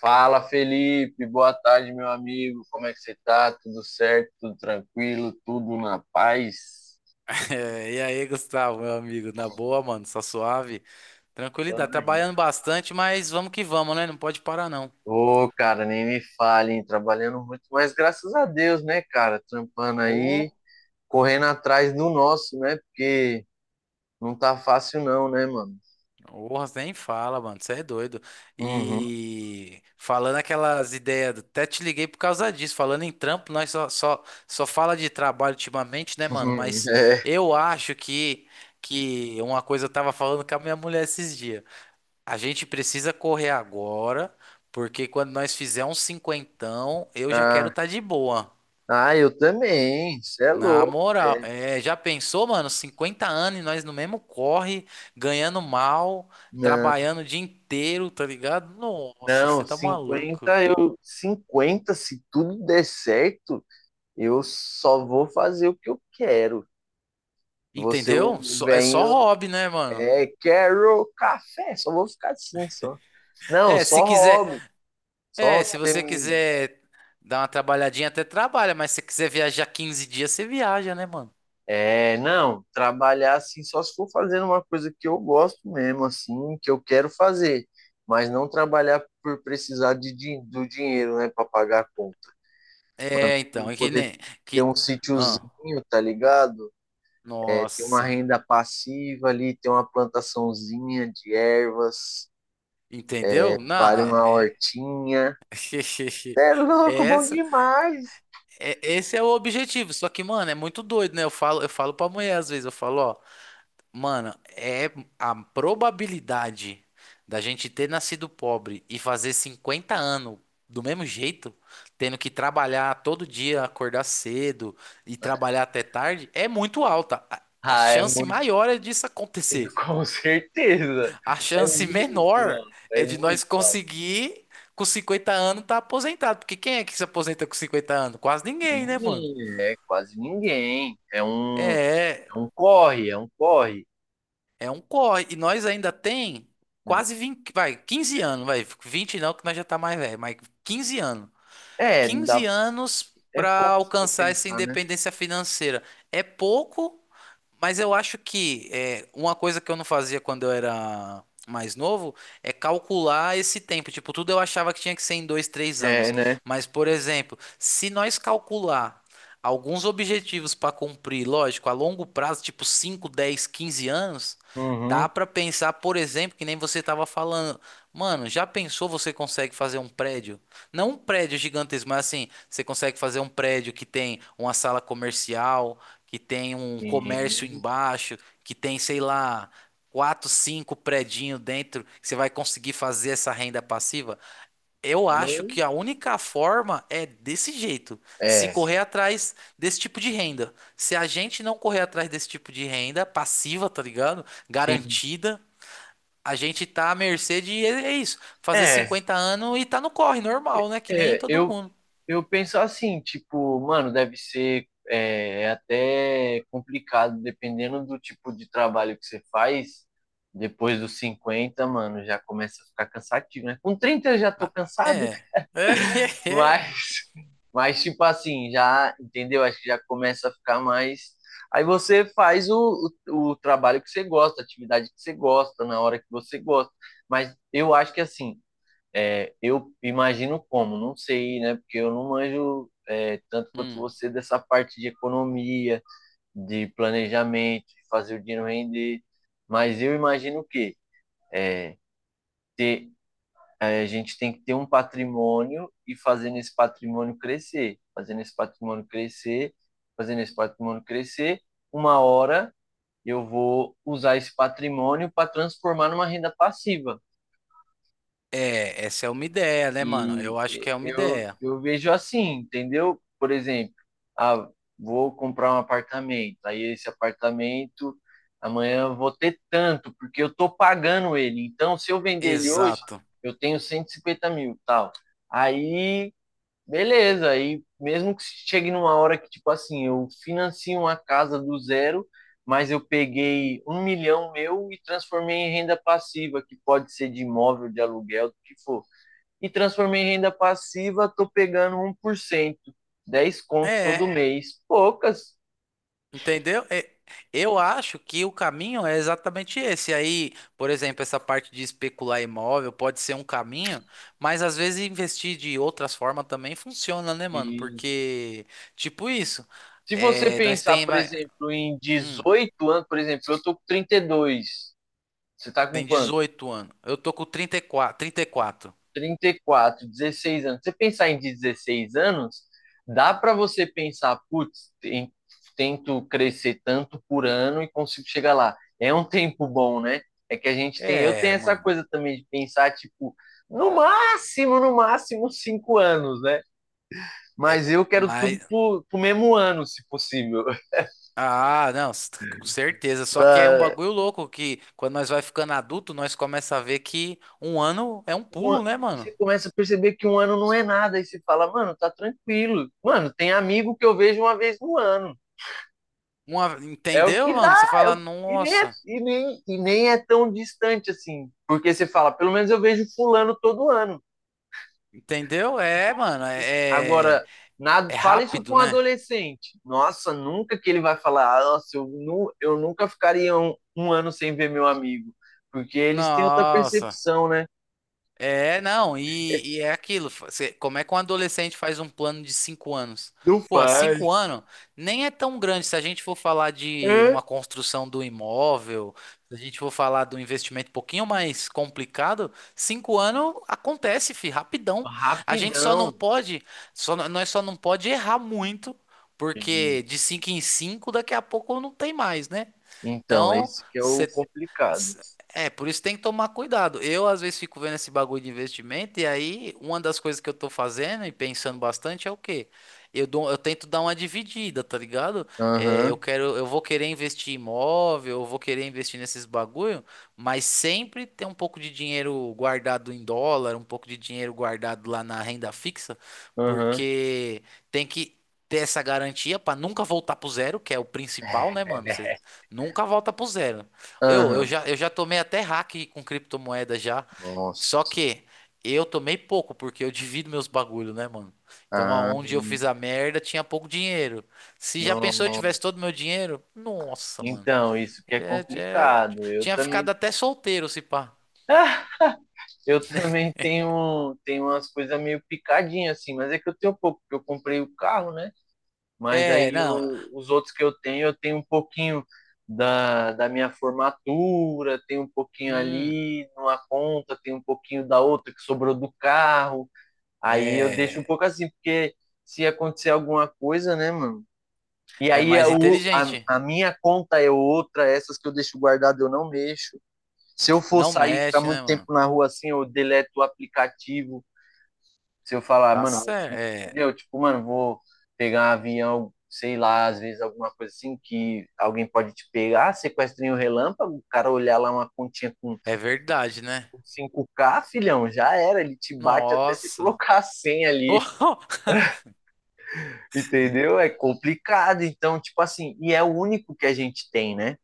Fala, Felipe. Boa tarde, meu amigo. Como é que você tá? Tudo certo? Tudo tranquilo? Tudo na paz? É, e aí, Gustavo, meu amigo, na boa, mano, só suave, Tamo tranquilidade, aí. trabalhando bastante, mas vamos que vamos, né? Não pode parar, não. Ô, cara, nem me falem. Trabalhando muito, mas graças a Deus, né, cara? Trampando aí, Ô, correndo atrás do nosso, né? Porque não tá fácil não, né, mano? oh, nem fala, mano, você é doido. Uhum. E falando aquelas ideias, até te liguei por causa disso, falando em trampo, nós só fala de trabalho ultimamente, né, mano? Mas É. eu acho que uma coisa eu tava falando com a minha mulher esses dias. A gente precisa correr agora, porque quando nós fizer um cinquentão, eu já quero Ah, estar de boa. ah, eu também. Você é Na louco. moral, É. é, já pensou, mano? 50 anos e nós no mesmo corre, ganhando mal, Não, trabalhando o dia inteiro, tá ligado? Nossa, não, você tá maluco. 50 se tudo der certo. Eu só vou fazer o que eu quero. Você, Entendeu? o É só venho, hobby, né, mano? é, quero café. Só vou ficar assim, só. Não, É, se só quiser, hobby. Só se você tem, quiser dar uma trabalhadinha, até trabalha, mas se você quiser viajar 15 dias, você viaja, né, mano? é, não, trabalhar assim, só se for fazendo uma coisa que eu gosto mesmo, assim, que eu quero fazer. Mas não trabalhar por precisar de, do dinheiro, né, para pagar a conta. Mano, É, não então, é que poder nem ter que, um ah. sítiozinho, tá ligado? É, ter uma Nossa, renda passiva ali, ter uma plantaçãozinha de ervas, entendeu? Não, vale é, uma é... hortinha. Cê é louco, bom Essa, demais. Esse é o objetivo. Só que, mano, é muito doido, né? Eu falo pra mulher às vezes, eu falo, ó, mano, é a probabilidade da gente ter nascido pobre e fazer 50 anos do mesmo jeito, tendo que trabalhar todo dia, acordar cedo e trabalhar até tarde, é muito alta. A Ah, é chance muito, maior é disso acontecer. com certeza. A É chance muito menor alto, é é de muito nós alto. conseguir com 50 anos estar aposentado. Porque quem é que se aposenta com 50 anos? Quase ninguém, né, mano? Ninguém, é quase ninguém. É, É um corre, é um corre. é um corre. E nós ainda tem quase 20, vai, 15 anos, vai, 20 não, que nós já tá mais velho, mas 15 anos. 15 Dá, anos é para pouco pra alcançar essa pensar, né? independência financeira. É pouco, mas eu acho que uma coisa que eu não fazia quando eu era mais novo é calcular esse tempo. Tipo, tudo eu achava que tinha que ser em dois, três É, anos. né? Mas, por exemplo, se nós calcular alguns objetivos para cumprir, lógico, a longo prazo, tipo 5, 10, 15 anos, dá Uhum. para pensar, por exemplo, que nem você estava falando. Mano, já pensou você consegue fazer um prédio? Não um prédio gigantesco, mas assim, você consegue fazer um prédio que tem uma sala comercial que tem um comércio Sim. embaixo, que tem, sei lá, quatro, cinco predinho dentro, que você vai conseguir fazer essa renda passiva? Eu acho Eu, que a única forma é desse jeito, se É, correr atrás desse tipo de renda. Se a gente não correr atrás desse tipo de renda passiva, tá ligado? sim. Garantida, a gente tá à mercê de, é isso, fazer É, 50 anos e tá no corre, normal, né? Que nem é, todo eu, mundo. Eu penso assim, tipo, mano, deve ser até complicado, dependendo do tipo de trabalho que você faz. Depois dos 50, mano, já começa a ficar cansativo, né? Com 30 eu já tô Ah, cansado. é. mas, mas tipo assim, já, entendeu? Acho que já começa a ficar mais. Aí você faz o trabalho que você gosta, a atividade que você gosta, na hora que você gosta. Mas eu acho que assim, eu imagino como, não sei, né? Porque eu não manjo tanto quanto É. você dessa parte de economia, de planejamento, de fazer o dinheiro render. Mas eu imagino que ter, a gente tem que ter um patrimônio e fazendo esse patrimônio crescer, fazendo esse patrimônio crescer, fazendo esse patrimônio crescer. Uma hora eu vou usar esse patrimônio para transformar numa renda passiva. É, essa é uma ideia, né, mano? E Eu acho que é uma eu, ideia. eu vejo assim, entendeu? Por exemplo, ah, vou comprar um apartamento, aí esse apartamento amanhã eu vou ter tanto, porque eu tô pagando ele. Então, se eu vender ele hoje, Exato. eu tenho 150 mil, tal. Aí, beleza, aí mesmo que chegue numa hora que, tipo assim, eu financio uma casa do zero, mas eu peguei 1 milhão meu e transformei em renda passiva, que pode ser de imóvel, de aluguel, do que for, e transformei em renda passiva, tô pegando 1%, 10 conto É, todo mês. Poucas. entendeu? É, eu acho que o caminho é exatamente esse. Aí, por exemplo, essa parte de especular imóvel pode ser um caminho, mas às vezes investir de outras formas também funciona, né, mano? Isso. Porque, tipo isso, Se você é, nós pensar, tem, por vai, exemplo, em hum, 18 anos, por exemplo, eu tô com 32. Você tá com tem quanto? 18 anos. Eu tô com 34, 34. 34, 16 anos. Você pensar em 16 anos, dá para você pensar, putz, tento crescer tanto por ano e consigo chegar lá. É um tempo bom, né? É que a gente tem, eu tenho É, essa mano. coisa também de pensar, tipo, no máximo, no máximo 5 anos, né? É, Mas eu quero tudo mas pro mesmo ano, se possível. ah, não, com certeza. Só que é um Na- bagulho louco que quando nós vai ficando adulto, nós começa a ver que um ano é um um pulo, né, e você mano? começa a perceber que um ano não é nada, e você fala, mano, tá tranquilo. Mano, tem amigo que eu vejo uma vez no ano. É o Entendeu, que dá, mano? Você é fala, o... E, nem é, nossa, e nem é tão distante assim. Porque você fala, pelo menos eu vejo fulano todo ano. entendeu? É, mano, é, é Agora, nada, é fala isso com rápido, um né? adolescente. Nossa, nunca que ele vai falar, ah, nossa, eu nunca ficaria um ano sem ver meu amigo. Porque eles têm outra Nossa. percepção, né? É, não, e é aquilo. Como é que um adolescente faz um plano de 5 anos? Não Porra, faz. 5 anos nem é tão grande se a gente for falar de É. uma construção do imóvel, se a gente for falar do investimento um pouquinho mais complicado, 5 anos acontece, fi, rapidão. A gente só Rapidão. não pode, só, não- Nós só não pode errar muito, porque de cinco em cinco daqui a pouco não tem mais, né? Então, Então, esse que é o complicado. S- é, por isso tem que tomar cuidado. Eu, às vezes, fico vendo esse bagulho de investimento, e aí, uma das coisas que eu tô fazendo e pensando bastante é o quê? Eu tento dar uma dividida, tá ligado? É, Aham, eu vou querer investir em imóvel, eu vou querer investir nesses bagulho, mas sempre ter um pouco de dinheiro guardado em dólar, um pouco de dinheiro guardado lá na renda fixa, aham. porque tem que ter essa garantia pra nunca voltar pro zero, que é o principal, né, mano? Você nunca volta pro zero. Eu, eu Aham. já, eu já tomei até hack com criptomoeda já. Só Nossa. que eu tomei pouco, porque eu divido meus bagulho, né, mano? Então, Ah, aonde eu fiz a merda, tinha pouco dinheiro. Se já pensou eu não. tivesse todo meu dinheiro? Nossa, mano. Então, isso que é É, é- complicado. Tinha ficado até solteiro, se pá. Ah, eu também tenho, tenho umas coisas meio picadinhas assim, mas é que eu tenho pouco, porque eu comprei o carro, né? Mas É, aí não. Os outros que eu tenho um pouquinho da minha formatura, tenho um pouquinho Hum, ali numa conta, tenho um pouquinho da outra que sobrou do carro. Aí eu deixo um é, pouco assim, porque se acontecer alguma coisa, né, mano? E é aí a, mais a, inteligente. a minha conta é outra, essas que eu deixo guardado eu não mexo. Se eu for Não sair ficar mexe, muito né, mano? tempo na rua assim, eu deleto o aplicativo. Se eu falar, Tá mano, certo. vou, É, entendeu? Tipo, mano, vou pegar um avião, sei lá, às vezes alguma coisa assim que alguém pode te pegar, sequestrinho um relâmpago, o cara olhar lá uma continha com é verdade, né? 5k, filhão, já era, ele te bate até você Nossa. colocar a senha ali, Oh, entendeu? É complicado, então, tipo assim, e é o único que a gente tem, né?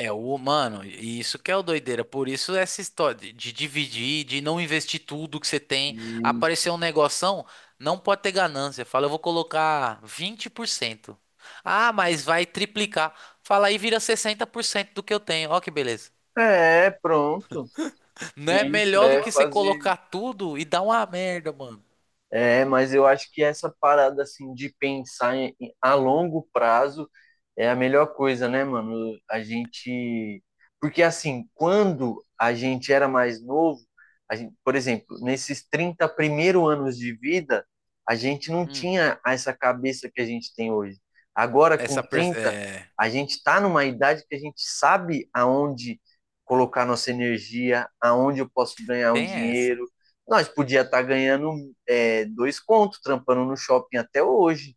é, o mano, e isso que é o doideira. Por isso essa história de dividir, de não investir tudo que você tem. E Aparecer um negoção, não pode ter ganância. Fala, eu vou colocar 20%. Ah, mas vai triplicar. Fala aí, vira 60% do que eu tenho. Ó que beleza. é, pronto. Não é Isso. melhor do que É, você fazer. colocar tudo e dar uma merda, mano. É, mas eu acho que essa parada assim de pensar a longo prazo é a melhor coisa, né, mano? A gente, porque assim, quando a gente era mais novo, a gente, por exemplo, nesses 30 primeiros anos de vida, a gente não Hum, tinha essa cabeça que a gente tem hoje. Agora, com 30, É, a gente está numa idade que a gente sabe aonde colocar nossa energia, aonde eu posso ganhar um tem essa. dinheiro. Nós podia estar ganhando 2 contos trampando no shopping até hoje,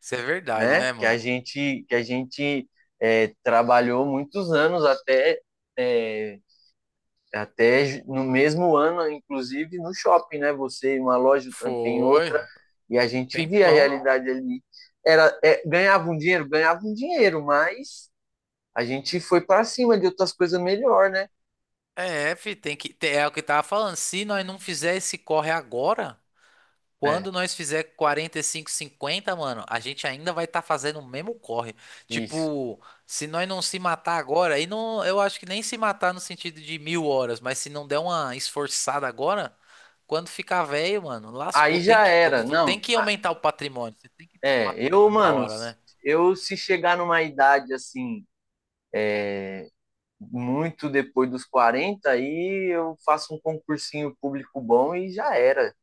Isso é verdade, né? né, mano? Que a gente é, Trabalhou muitos anos é, até no mesmo ano, inclusive no shopping, né? Você em uma loja, eu trampei em Foi, outra, e a um gente via a tempão. realidade ali. Era, ganhava um dinheiro? Ganhava um dinheiro, mas a gente foi para cima de outras coisas melhor, né? É, fi, é o que eu tava falando. Se nós não fizer esse corre agora, É, quando nós fizer 45, 50, mano, a gente ainda vai estar fazendo o mesmo corre. isso. Tipo, se nós não se matar agora, aí não, eu acho que nem se matar no sentido de 1.000 horas, mas se não der uma esforçada agora, quando ficar velho, mano, lascou. Aí Tem já que, é o que eu era, falo, tem não. que aumentar o patrimônio. Você tem que ter um Eu, patrimônio da mano, hora, né? eu se chegar numa idade assim, muito depois dos 40, aí eu faço um concursinho público bom e já era.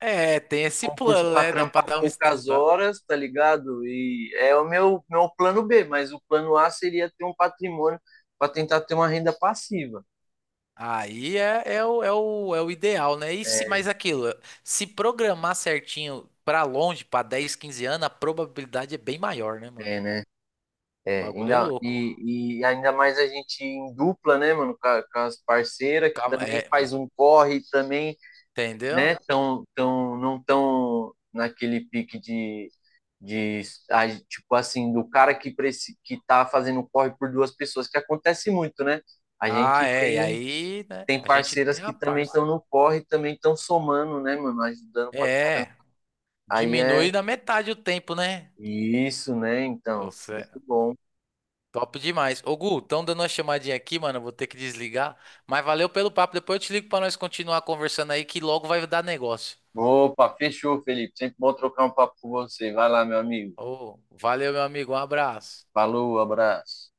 É, tem esse Concurso plano, para né? Dá pra trampar dar um poucas estudo. horas, tá ligado? E é o meu plano B, mas o plano A seria ter um patrimônio para tentar ter uma renda passiva. Aí é o ideal, né? E se, É, mas aquilo, se programar certinho pra longe, pra 10, 15 anos, a probabilidade é bem maior, né, mano? é, né? O É, bagulho é ainda, louco. e ainda mais a gente em dupla, né, mano, com as parceiras, que Calma, também é, faz um corre, também, entendeu? né? Não tão naquele pique de, tipo assim, do cara que tá fazendo corre por duas pessoas, que acontece muito, né? A Ah, gente é. E tem, aí, né? tem A gente parceiras tem que a também parça. estão no corre, também estão somando, né, mano? Ajudando pra caramba. É, Aí é diminui na metade o tempo, né? isso, né? Então, Você, muito é bom. top demais. Ô, Gu, estão dando uma chamadinha aqui, mano. Eu vou ter que desligar. Mas valeu pelo papo. Depois eu te ligo pra nós continuar conversando aí, que logo vai dar negócio. Opa, fechou, Felipe. Sempre bom trocar um papo com você. Vai lá, meu amigo. Ô, valeu, meu amigo. Um abraço. Falou, abraço.